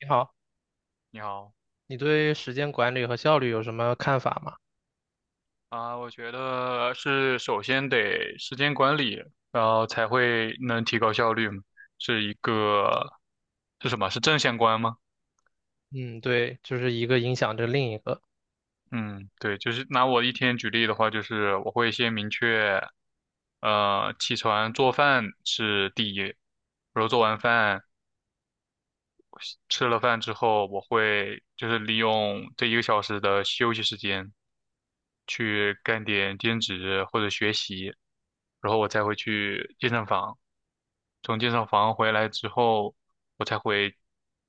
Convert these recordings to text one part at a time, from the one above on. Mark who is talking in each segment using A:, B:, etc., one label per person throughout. A: 你好，
B: 你好
A: 你对时间管理和效率有什么看法吗？
B: 啊，我觉得是首先得时间管理，然后才会能提高效率嘛，是一个是什么？是正相关吗？
A: 嗯，对，就是一个影响着另一个。
B: 嗯，对，就是拿我一天举例的话，就是我会先明确，起床做饭是第一，然后做完饭吃了饭之后，我会就是利用这一个小时的休息时间去干点兼职或者学习，然后我才会去健身房。从健身房回来之后，我才会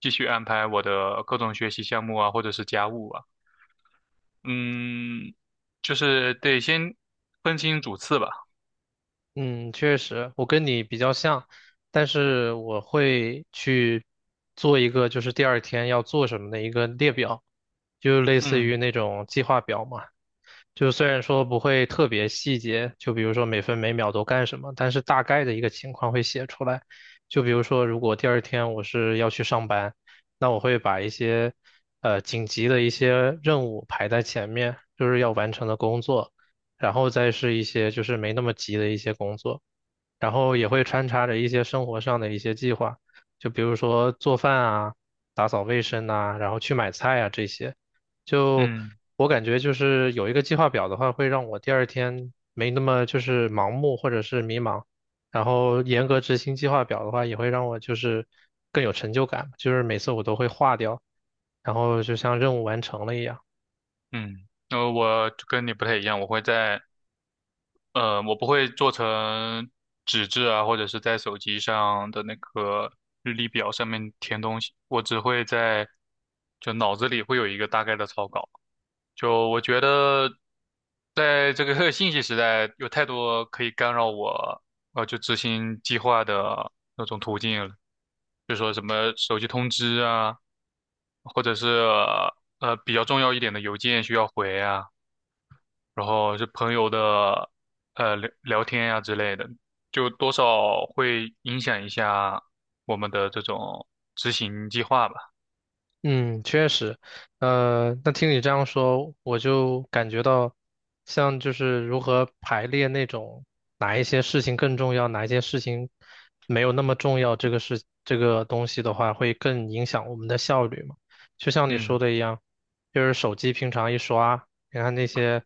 B: 继续安排我的各种学习项目啊，或者是家务啊。嗯，就是得先分清主次吧。
A: 嗯，确实，我跟你比较像，但是我会去做一个就是第二天要做什么的一个列表，就类似
B: 嗯
A: 于那种计划表嘛。就虽然说不会特别细节，就比如说每分每秒都干什么，但是大概的一个情况会写出来。就比如说，如果第二天我是要去上班，那我会把一些紧急的一些任务排在前面，就是要完成的工作，然后再是一些就是没那么急的一些工作。然后也会穿插着一些生活上的一些计划，就比如说做饭啊、打扫卫生呐、然后去买菜啊这些。就
B: 嗯
A: 我感觉就是有一个计划表的话，会让我第二天没那么就是盲目或者是迷茫。然后严格执行计划表的话，也会让我就是更有成就感，就是每次我都会画掉，然后就像任务完成了一样。
B: 嗯，我就跟你不太一样，我不会做成纸质啊，或者是在手机上的那个日历表上面填东西，我只会在就脑子里会有一个大概的草稿。就我觉得，在这个 信息时代，有太多可以干扰我，就执行计划的那种途径了，就说什么手机通知啊，或者是比较重要一点的邮件需要回啊，然后是朋友的聊聊天呀、之类的，就多少会影响一下我们的这种执行计划吧。
A: 嗯，确实。那听你这样说，我就感觉到，像就是如何排列那种哪一些事情更重要，哪一些事情没有那么重要，这个事这个东西的话，会更影响我们的效率嘛？就像你说
B: 嗯。
A: 的一样，就是手机平常一刷，你看那些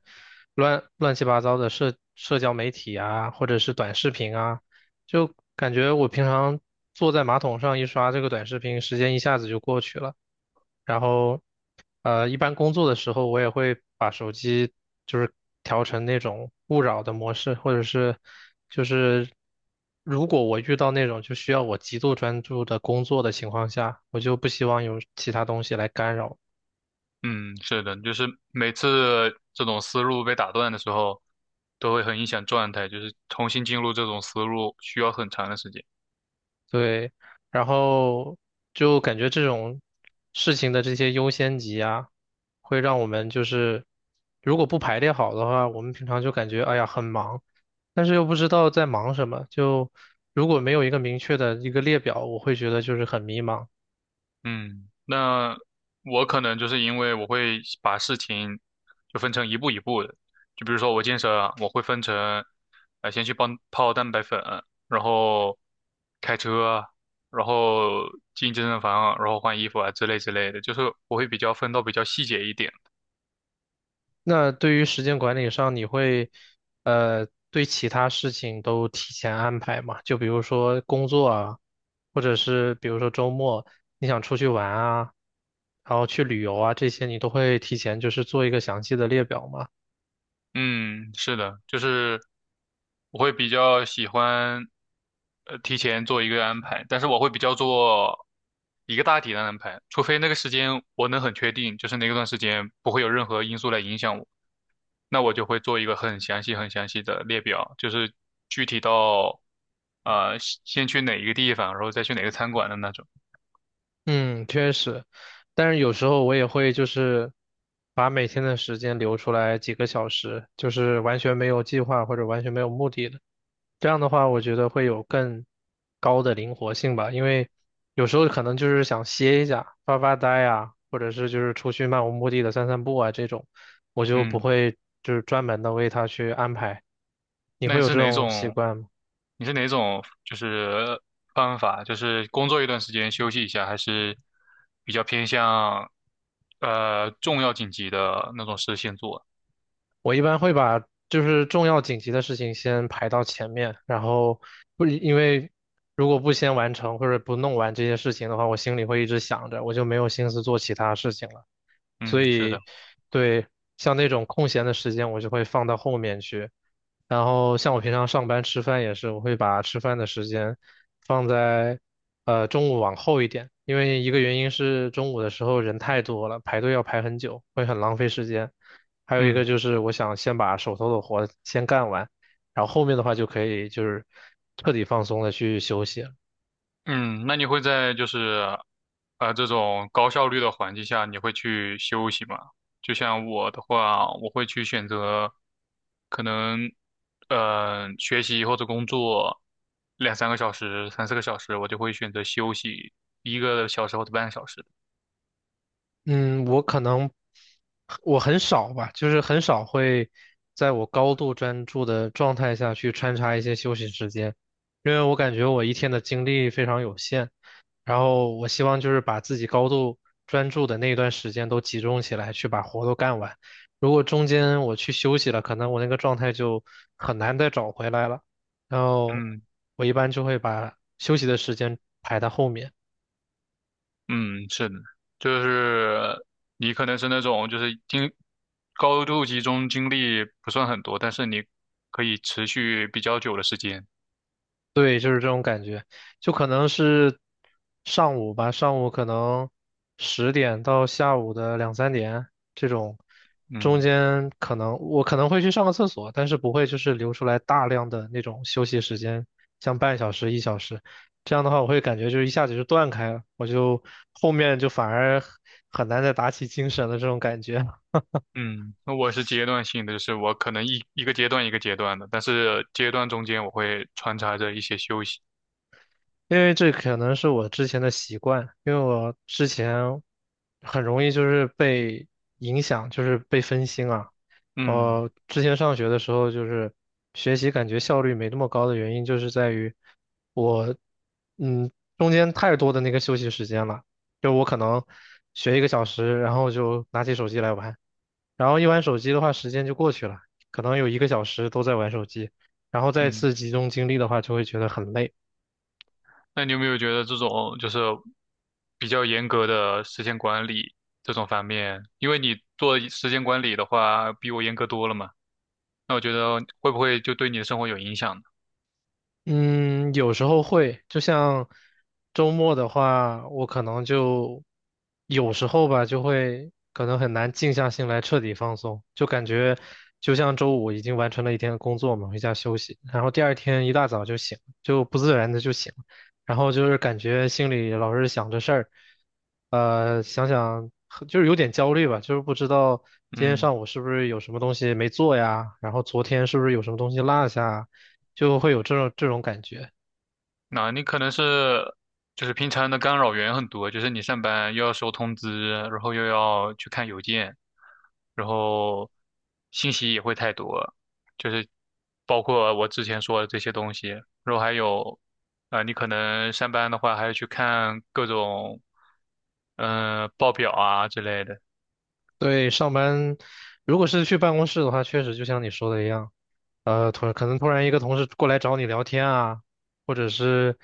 A: 乱乱七八糟的社交媒体啊，或者是短视频啊，就感觉我平常坐在马桶上一刷这个短视频，时间一下子就过去了。然后，一般工作的时候，我也会把手机就是调成那种勿扰的模式，或者是就是如果我遇到那种就需要我极度专注的工作的情况下，我就不希望有其他东西来干扰。
B: 嗯，是的，就是每次这种思路被打断的时候，都会很影响状态，就是重新进入这种思路需要很长的时间。
A: 对，然后就感觉这种事情的这些优先级啊，会让我们就是如果不排列好的话，我们平常就感觉哎呀很忙，但是又不知道在忙什么，就如果没有一个明确的一个列表，我会觉得就是很迷茫。
B: 嗯，那我可能就是因为我会把事情就分成一步一步的，就比如说我健身啊，我会分成，先去帮泡蛋白粉，然后开车，然后进健身房，然后换衣服啊之类之类的，就是我会比较分到比较细节一点。
A: 那对于时间管理上，你会对其他事情都提前安排吗？就比如说工作啊，或者是比如说周末你想出去玩啊，然后去旅游啊，这些你都会提前就是做一个详细的列表吗？
B: 嗯，是的，就是我会比较喜欢提前做一个安排，但是我会比较做一个大体的安排，除非那个时间我能很确定，就是那个段时间不会有任何因素来影响我，那我就会做一个很详细、很详细的列表，就是具体到呃先去哪一个地方，然后再去哪个餐馆的那种。
A: 嗯，确实，但是有时候我也会就是把每天的时间留出来几个小时，就是完全没有计划或者完全没有目的的。这样的话，我觉得会有更高的灵活性吧，因为有时候可能就是想歇一下、发发呆啊，或者是就是出去漫无目的的散散步啊这种，我就不
B: 嗯。
A: 会就是专门的为他去安排。你
B: 那
A: 会
B: 你
A: 有
B: 是
A: 这
B: 哪
A: 种习
B: 种？
A: 惯吗？
B: 你是哪种？就是方法，就是工作一段时间休息一下，还是比较偏向重要紧急的那种事先做？
A: 我一般会把就是重要紧急的事情先排到前面，然后不因为如果不先完成或者不弄完这些事情的话，我心里会一直想着，我就没有心思做其他事情了。
B: 嗯，
A: 所
B: 是的，
A: 以对，像那种空闲的时间，我就会放到后面去。然后像我平常上班吃饭也是，我会把吃饭的时间放在中午往后一点，因为一个原因是中午的时候人太多了，排队要排很久，会很浪费时间。还有一
B: 嗯。
A: 个就是我想先把手头的活先干完，然后后面的话就可以就是彻底放松的去休息。
B: 嗯，那你会在就是这种高效率的环境下，你会去休息吗？就像我的话，我会去选择可能学习或者工作两三个小时、三四个小时，我就会选择休息一个小时或者半个小时。
A: 嗯，我可能我很少吧，就是很少会在我高度专注的状态下去穿插一些休息时间，因为我感觉我一天的精力非常有限，然后我希望就是把自己高度专注的那一段时间都集中起来去把活都干完。如果中间我去休息了，可能我那个状态就很难再找回来了。然后
B: 嗯
A: 我一般就会把休息的时间排到后面。
B: 嗯，是的，就是你可能是那种就是高度集中精力不算很多，但是你可以持续比较久的时间。
A: 对，就是这种。就可能是上午吧，上午可能十点到下午的两三点这种，中
B: 嗯。
A: 间可能我可能会去上个厕所，但是不会就是留出来大量的那种休息时间，像半小时、一小时，这样的话我会感觉就是一下子就断开了，我就后面就反而很难再打起精神了这种感觉。
B: 嗯，那我是阶段性的，就是我可能一个阶段一个阶段的，但是阶段中间我会穿插着一些休息。
A: 因为这可能是我之前的习惯，因为我之前很容易就是被影响，就是被分心啊。
B: 嗯
A: 我之前上学的时候，就是学习感觉效率没那么高的原因，就是在于我，嗯，中间太多的那个休息时间了，就我可能学一个小时，然后就拿起手机来玩，然后一玩手机的话，时间就过去了，可能有一个小时都在玩手机，然后再
B: 嗯，
A: 次集中精力的话，就会觉得很累。
B: 那你有没有觉得这种就是比较严格的时间管理这种方面？因为你做时间管理的话，比我严格多了嘛，那我觉得会不会就对你的生活有影响呢？
A: 嗯，有时候会，就像周末的话，我可能就有时候吧，就会可能很难静下心来彻底放松，就感觉就像周五已经完成了一天的工作嘛，回家休息，然后第二天一大早就醒，就不自然的就醒，然后就是感觉心里老是想着事儿。想想就是有点焦虑吧，就是不知道今天
B: 嗯，
A: 上午是不是有什么东西没做呀，然后昨天是不是有什么东西落下。就会有这种这种感觉。
B: 那你可能是就是平常的干扰源很多，就是你上班又要收通知，然后又要去看邮件，然后信息也会太多，就是包括我之前说的这些东西，然后还有啊、你可能上班的话还要去看各种报表啊之类的，
A: 对，上班如果是去办公室的话，确实就像你说的一样。突然可能突然一个同事过来找你聊天啊，或者是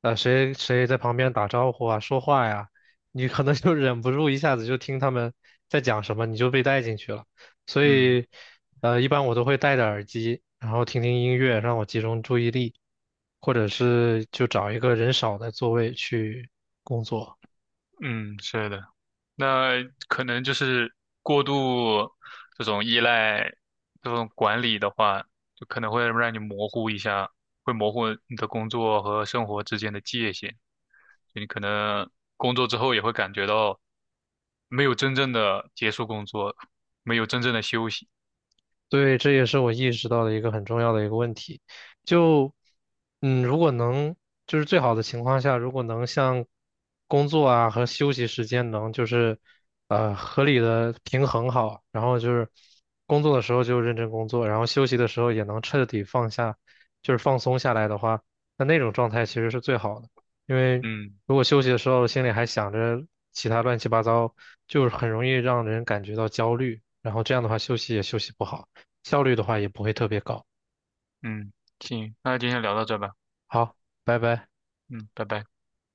A: 谁谁在旁边打招呼啊、说话呀，你可能就忍不住一下子就听他们在讲什么，你就被带进去了。所
B: 嗯
A: 以一般我都会戴着耳机，然后听听音乐，让我集中注意力，或者是就找一个人少的座位去工作。
B: 嗯，是的。那可能就是过度这种依赖这种管理的话，就可能会让你模糊一下，会模糊你的工作和生活之间的界限。就你可能工作之后也会感觉到没有真正的结束工作，没有真正的休息。
A: 对，这也是我意识到的一个很重要的一个问题。就，嗯，如果能，就是最好的情况下，如果能像工作啊和休息时间能就是，合理的平衡好，然后就是工作的时候就认真工作，然后休息的时候也能彻底放下，就是放松下来的话，那那种状态其实是最好的。因为
B: 嗯
A: 如果休息的时候心里还想着其他乱七八糟，就是很容易让人感觉到焦虑，然后这样的话休息也休息不好。效率的话也不会特别高。
B: 嗯，行，那今天聊到这吧。
A: 好，拜拜。
B: 嗯，拜拜。